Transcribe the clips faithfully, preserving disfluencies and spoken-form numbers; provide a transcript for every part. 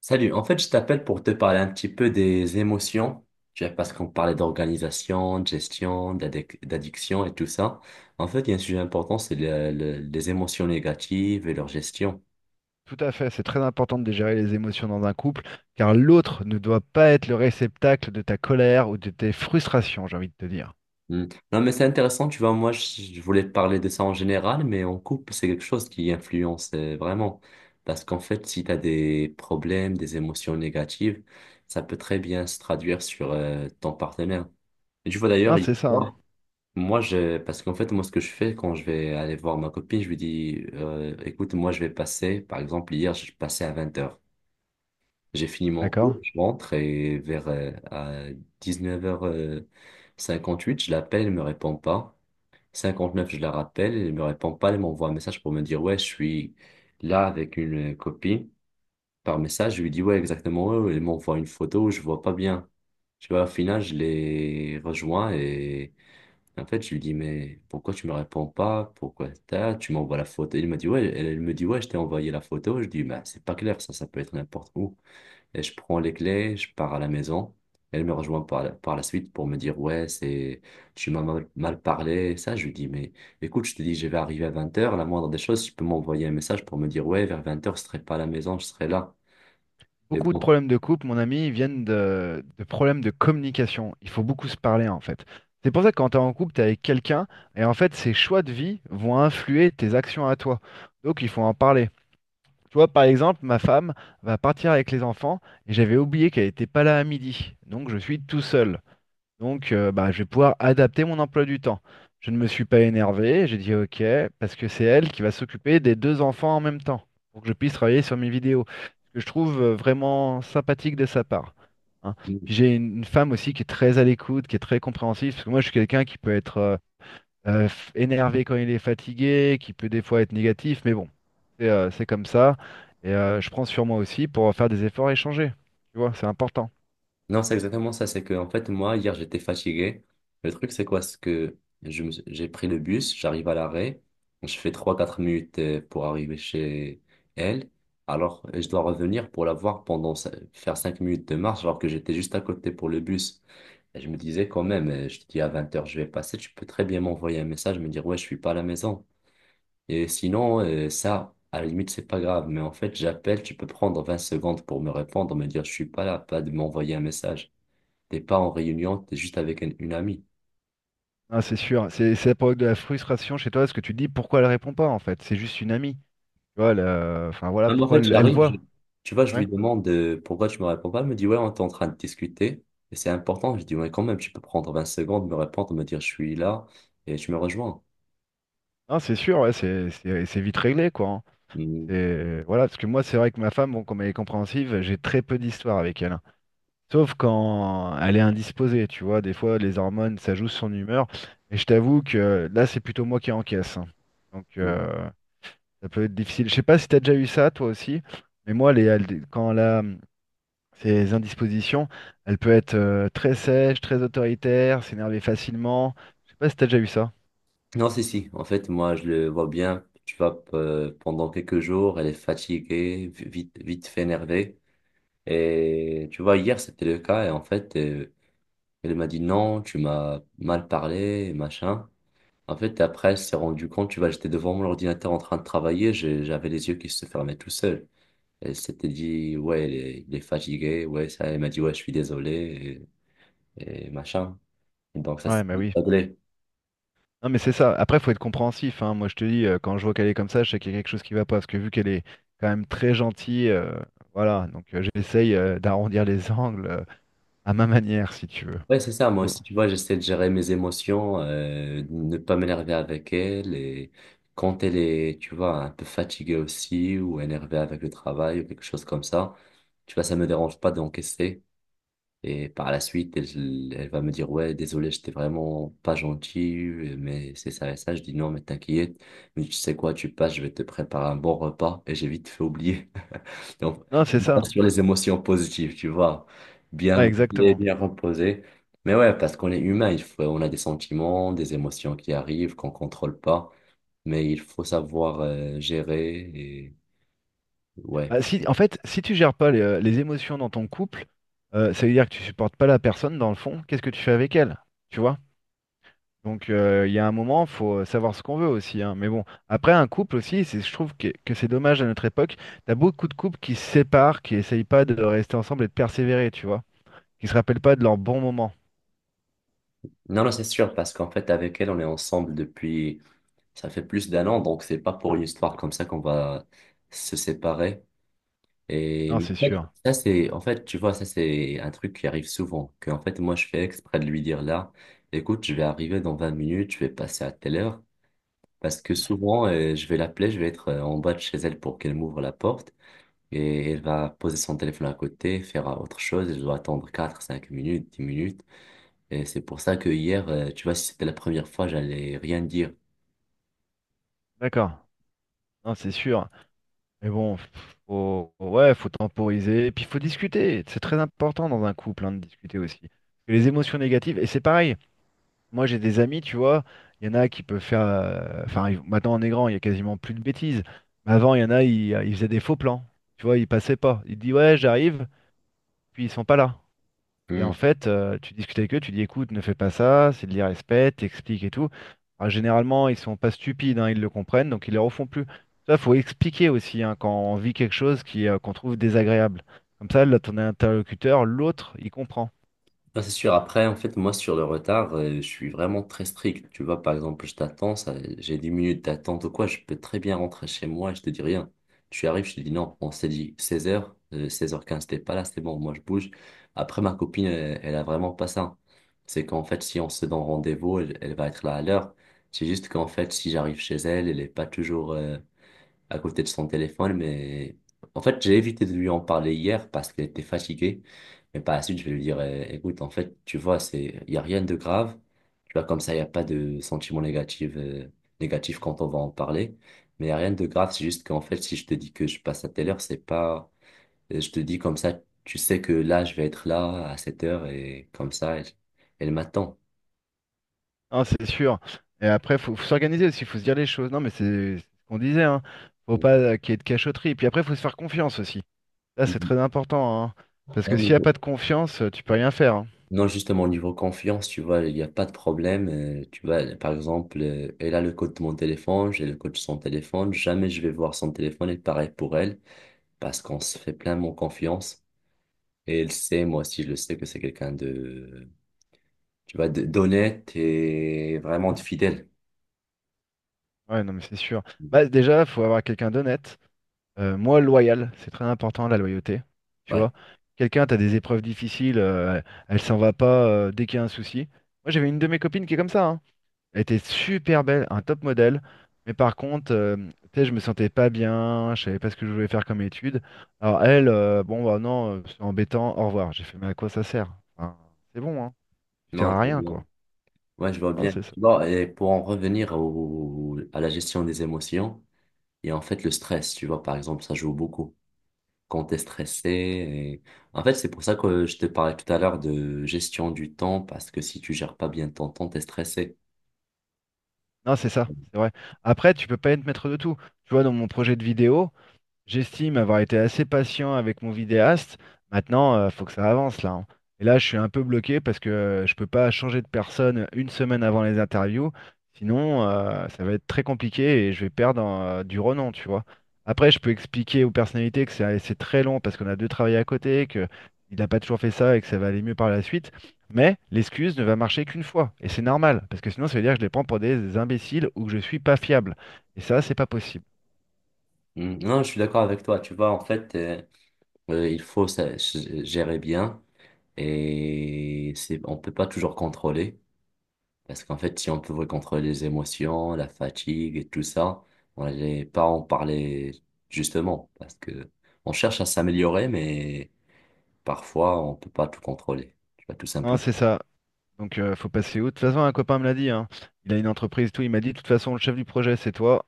Salut, en fait, je t'appelle pour te parler un petit peu des émotions, tu vois, parce qu'on parlait d'organisation, de gestion, d'addic- d'addiction et tout ça. En fait, il y a un sujet important, c'est le- le- les émotions négatives et leur gestion. Tout à fait, c'est très important de gérer les émotions dans un couple, car l'autre ne doit pas être le réceptacle de ta colère ou de tes frustrations, j'ai envie de te dire. Hmm. Non, mais c'est intéressant, tu vois, moi, je je voulais parler de ça en général, mais en couple, c'est quelque chose qui influence euh, vraiment. Parce qu'en fait, si tu as des problèmes, des émotions négatives, ça peut très bien se traduire sur euh, ton partenaire. Et tu vois Non, d'ailleurs, il- c'est ça, hein. moi, je, parce qu'en fait, moi, ce que je fais quand je vais aller voir ma copine, je lui dis, euh, écoute, moi, je vais passer, par exemple, hier, je passais à vingt heures. J'ai fini mon cours, D'accord? je rentre et vers euh, à dix-neuf heures cinquante-huit, je l'appelle, elle me répond pas. cinquante-neuf, je la rappelle, elle me répond pas, elle m'envoie un message pour me dire, ouais, je suis là avec une copine. Par message, je lui dis, ouais, exactement, ouais, ouais. Elle m'envoie une photo, je vois pas bien. Tu vois, au final, je les rejoins et en fait, je lui dis, mais pourquoi tu me réponds pas? Pourquoi t'as- tu m'envoies la photo? Il m'a dit, ouais, elle, elle me dit, ouais, je t'ai envoyé la photo. Je dis, bah, c'est pas clair, ça, ça peut être n'importe où. Et je prends les clés, je pars à la maison. Elle me rejoint par la, par la suite pour me dire, ouais, c'est, tu m'as mal, mal parlé. Ça, je lui dis, mais écoute, je te dis, je vais arriver à vingt heures. La moindre des choses, tu peux m'envoyer un message pour me dire, ouais, vers vingt heures je serai pas à la maison, je serai là. Et Beaucoup de bon. problèmes de couple, mon ami, viennent de, de problèmes de communication. Il faut beaucoup se parler, en fait. C'est pour ça que quand tu es en couple, tu es avec quelqu'un, et en fait, ses choix de vie vont influer tes actions à toi. Donc, il faut en parler. Tu vois, par exemple, ma femme va partir avec les enfants, et j'avais oublié qu'elle n'était pas là à midi. Donc, je suis tout seul. Donc, euh, bah, je vais pouvoir adapter mon emploi du temps. Je ne me suis pas énervé, j'ai dit OK, parce que c'est elle qui va s'occuper des deux enfants en même temps, pour que je puisse travailler sur mes vidéos. Ce que je trouve euh, vraiment sympathique de sa part. Hein. Puis j'ai une une femme aussi qui est très à l'écoute, qui est très compréhensive, parce que moi je suis quelqu'un qui peut être euh, euh, f- énervé quand il est fatigué, qui peut des fois être négatif, mais bon, c'est euh, c'est comme ça. Et euh, je prends sur moi aussi pour faire des efforts et changer. Tu vois, c'est important. Non, c'est exactement ça. C'est que, en fait, moi, hier, j'étais fatigué. Le truc, c'est quoi? C'est que je me- j'ai pris le bus, j'arrive à l'arrêt, je fais trois quatre minutes euh, pour arriver chez elle. Alors, euh, je dois revenir pour la voir pendant cin- faire cinq minutes de marche, alors que j'étais juste à côté pour le bus. Et je me disais quand même, euh, je te dis à vingt heures je vais passer, tu peux très bien m'envoyer un message, me dire, ouais, je suis pas à la maison. Et sinon, euh, ça, à la limite, c'est pas grave. Mais en fait, j'appelle, tu peux prendre vingt secondes pour me répondre, me dire, je suis pas là, pas de m'envoyer un message. T'es pas en réunion, t'es juste avec un- une amie. Ah, c'est sûr, c'est c'est la période de la frustration chez toi, parce que tu te dis pourquoi elle répond pas, en fait, c'est juste une amie. Tu vois, elle, euh, enfin voilà Même en pourquoi fait, elle, elle j'arrive, je- voit. tu vois, je Ouais. lui demande euh, pourquoi tu me réponds pas. Elle me dit, ouais, on est en train de discuter et c'est important. Je dis, ouais, quand même, tu peux prendre vingt secondes, me répondre, me dire, je suis là et tu me rejoins. Non, c'est sûr, ouais, c'est c'est- c'est vite réglé quoi. Hein. Mm, C'est voilà, parce que moi c'est vrai que ma femme, bon, comme elle est compréhensive, j'ai très peu d'histoires avec elle. Hein. Sauf quand elle est indisposée, tu vois, des fois les hormones, ça joue sur son humeur. Et je t'avoue que là c'est plutôt moi qui encaisse. Hein. Donc mm. euh, ça peut être difficile. Je sais pas si t'as déjà eu ça toi aussi, mais moi les, quand là, ces indispositions, elle peut être euh, très sèche, très autoritaire, s'énerver facilement. Je sais pas si t'as déjà eu ça. Non, si, si. En fait, moi, je le vois bien. Tu vois, p- euh, pendant quelques jours, elle est fatiguée, vi- vite, vite fait énervée. Et tu vois, hier, c'était le cas. Et en fait, euh, elle m'a dit non, tu m'as mal parlé, machin. En fait, après, elle s'est rendue compte, tu vois, j'étais devant mon ordinateur en train de travailler, j'ai- j'avais les yeux qui se fermaient tout seul. Elle s'était dit, ouais, il est, il est fatigué, ouais, ça, elle m'a dit, ouais, je suis désolé, et, et machin. Et donc, ça s'est Ouais, bah oui. réglé. Non, mais c'est ça. Après, faut être compréhensif, hein. Moi, je te dis, euh, quand je vois qu'elle est comme ça, je sais qu'il y a quelque chose qui va pas. Parce que vu qu'elle est quand même très gentille, euh, voilà. Donc, euh, j'essaye euh, d'arrondir les angles euh, à ma manière, si tu veux. Ouais, c'est ça, moi Faut- aussi, tu vois, j'essaie de gérer mes émotions, euh, de ne pas m'énerver avec elle, et quand elle est, tu vois, un peu fatiguée aussi, ou énervée avec le travail, ou quelque chose comme ça, tu vois, ça me dérange pas d'encaisser. Et par la suite, elle, elle va me dire, ouais, désolé, j'étais vraiment pas gentil, mais c'est ça et ça. Je dis, non, mais t'inquiète, mais tu sais quoi, tu passes, je vais te préparer un bon repas et j'ai vite fait oublier. Donc, Non, c'est je ça. pense sur les émotions positives, tu vois, bien Ouais, manger, exactement. bien reposer. Mais ouais, parce qu'on est humain, il faut, on a des sentiments, des émotions qui arrivent, qu'on contrôle pas, mais il faut savoir euh, gérer et ouais. Bah, si, en fait, si tu gères pas les, euh, les émotions dans ton couple, euh, ça veut dire que tu supportes pas la personne dans le fond. Qu'est-ce que tu fais avec elle? Tu vois? Donc euh, il y a un moment, faut euh, savoir ce qu'on veut aussi, hein. Mais bon, après un couple aussi, c'est, je trouve que, que c'est dommage à notre époque. T'as beaucoup de couples qui se séparent, qui essayent pas de rester ensemble et de persévérer, tu vois, qui se rappellent pas de leurs bons moments. Non, non, c'est sûr, parce qu'en fait, avec elle, on est ensemble depuis. Ça fait plus d'un an, donc c'est pas pour une histoire comme ça qu'on va se séparer. Et Non, c'est en fait, sûr. ça c'est, en fait, tu vois, ça c'est un truc qui arrive souvent. Que en fait, moi, je fais exprès de lui dire là, écoute, je vais arriver dans vingt minutes, je vais passer à telle heure, parce que souvent, euh, je vais l'appeler, je vais être euh, en bas de chez elle pour qu'elle m'ouvre la porte, et elle va poser son téléphone à côté, faire euh, autre chose, et je dois attendre quatre cinq minutes, dix minutes. Et c'est pour ça que hier, euh, tu vois, si c'était la première fois, j'allais rien dire. D'accord. Non, c'est sûr. Mais bon, faut, ouais, faut temporiser, et puis faut discuter. C'est très important dans un couple, hein, de discuter aussi. Et les émotions négatives, et c'est pareil. Moi, j'ai des amis, tu vois, il y en a qui peuvent faire. euh, Enfin, ils- maintenant, on est grand, il y a quasiment plus de bêtises. Mais avant, il y en a, ils, euh, ils faisaient des faux plans. Tu vois, ils passaient pas. Ils disent, ouais, j'arrive, puis ils sont pas là. Et en fait, euh, tu discutes avec eux, tu dis, écoute, ne fais pas ça, c'est de l'irrespect, t'expliques et tout. Alors, généralement, ils sont pas stupides, hein, ils le comprennent, donc ils les refont plus. Ça, faut expliquer aussi hein, quand on vit quelque chose qui, euh, qu'on trouve désagréable. Comme ça, là, ton interlocuteur, l'autre, il comprend. Ah, c'est sûr. Après, en fait, moi, sur le retard, euh, je suis vraiment très strict. Tu vois, par exemple, je t'attends, ça, j'ai dix minutes d'attente ou quoi, je peux très bien rentrer chez moi et je te dis rien. Tu arrives, je te dis non, on s'est dit seize heures euh, seize heures quinze t'es pas là, c'est bon, moi, je bouge. Après, ma copine, elle, elle a vraiment pas ça. C'est qu'en fait, si on se donne rendez-vous, elle, elle va être là à l'heure. C'est juste qu'en fait, si j'arrive chez elle, elle est pas toujours, euh, à côté de son téléphone, mais en fait, j'ai évité de lui en parler hier parce qu'elle était fatiguée. Mais par la suite, je vais lui dire, euh, écoute, en fait, tu vois, c'est, il n'y a rien de grave. Tu vois, comme ça, il n'y a pas de sentiment négatif, euh, négatif quand on va en parler. Mais il n'y a rien de grave. C'est juste qu'en fait, si je te dis que je passe à telle heure, c'est pas, euh, je te dis comme ça, tu sais que là, je vais être là à cette heure et comme ça, elle, elle m'attend. Non, c'est sûr. Et après, faut, faut s'organiser aussi, faut se dire les choses. Non, mais c'est c'est ce qu'on disait, hein. Faut pas euh, qu'il y ait de cachotterie. Et puis après, faut se faire confiance aussi. Là, c'est Mhm. très important, hein. Parce Non, que mais s'il n'y a pas de confiance, euh, tu peux rien faire. Hein. non, justement, au niveau confiance, tu vois, il n'y a pas de problème. Euh, tu vois, par exemple, euh, elle a le code de mon téléphone, j'ai le code de son téléphone. Jamais je vais voir son téléphone et pareil pour elle, parce qu'on se fait pleinement confiance. Et elle sait, moi aussi, je le sais que c'est quelqu'un de, tu vois, de- d'honnête et vraiment de fidèle. Ouais, non, mais c'est sûr. Bah, déjà, faut avoir quelqu'un d'honnête. Euh, moi, loyal, c'est très important, la loyauté. Tu Ouais, vois, quelqu'un, t'as des épreuves difficiles, euh, elle s'en va pas euh, dès qu'il y a un souci. Moi, j'avais une de mes copines qui est comme ça, hein. Elle était super belle, un top modèle. Mais par contre, euh, tu sais, je me sentais pas bien, je savais pas ce que je voulais faire comme étude. Alors elle, euh, bon bah non, euh, c'est embêtant, au revoir. J'ai fait, mais à quoi ça sert? Enfin, c'est bon, hein. Tu sers non, je à vois rien, bien. quoi. Ouais, je vois Non, bien. c'est ça. Tu vois, et pour en revenir au, à la gestion des émotions, et en fait le stress, tu vois, par exemple, ça joue beaucoup quand t'es stressé. Et en fait, c'est pour ça que je te parlais tout à l'heure de gestion du temps, parce que si tu gères pas bien ton temps, t'es stressé. Non, c'est ça, c'est vrai. Après, tu peux pas être maître de tout. Tu vois, dans mon projet de vidéo, j'estime avoir été assez patient avec mon vidéaste. Maintenant, il faut que ça avance là. Hein. Et là, je suis un peu bloqué parce que euh, je peux pas changer de personne une semaine avant les interviews. Sinon, euh, ça va être très compliqué et je vais perdre euh, du renom, tu vois. Après, je peux expliquer aux personnalités que c'est c'est très long parce qu'on a deux travails à côté, que il n'a pas toujours fait ça et que ça va aller mieux par la suite. Mais l'excuse ne va marcher qu'une fois. Et c'est normal, parce que sinon, ça veut dire que je les prends pour des imbéciles ou que je suis pas fiable. Et ça, c'est pas possible. Mm, non, je suis d'accord avec toi. Tu vois, en fait, euh, euh, il faut ça g- gérer bien et c'est, on peut pas toujours contrôler, parce qu'en fait, si on pouvait contrôler les émotions, la fatigue et tout ça, on n'allait pas en parler justement, parce que on cherche à s'améliorer, mais parfois, on peut pas tout contrôler. Tu vois, tout Non, simplement. c'est ça. Donc, euh, faut passer où? De toute façon, un copain me l'a dit, hein. Il a une entreprise, tout. Il m'a dit, de toute façon, le chef du projet, c'est toi.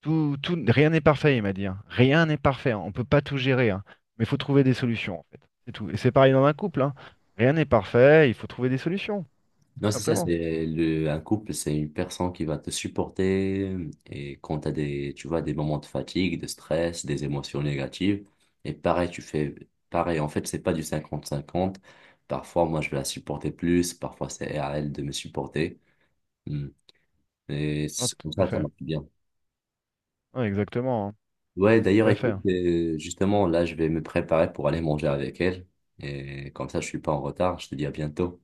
Tout, tout, rien n'est parfait, il m'a dit. Hein. Rien n'est parfait. Hein. On peut pas tout gérer, hein. Mais il faut trouver des solutions, en fait. C'est tout. Et c'est pareil dans un couple, hein. Rien n'est parfait. Il faut trouver des solutions, tout Non, c'est ça, simplement. c'est le, un couple, c'est une personne qui va te supporter euh, et quand tu as des, tu vois, des moments de fatigue, de stress, des émotions négatives, et pareil, tu fais pareil. En fait, c'est pas du cinquante cinquante. Parfois, moi, je vais la supporter plus, parfois, c'est à elle de me supporter. Hmm. Et Non, c'est tout comme à ça, ça fait. marche bien. Ouais, exactement. Hein. Ouais, d'ailleurs, Tout à fait. écoute, Hein. euh, justement, là, je vais me préparer pour aller manger avec elle et comme ça, je suis pas en retard. Je te dis à bientôt.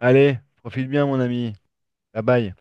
Allez, profite bien, mon ami. Bye bye.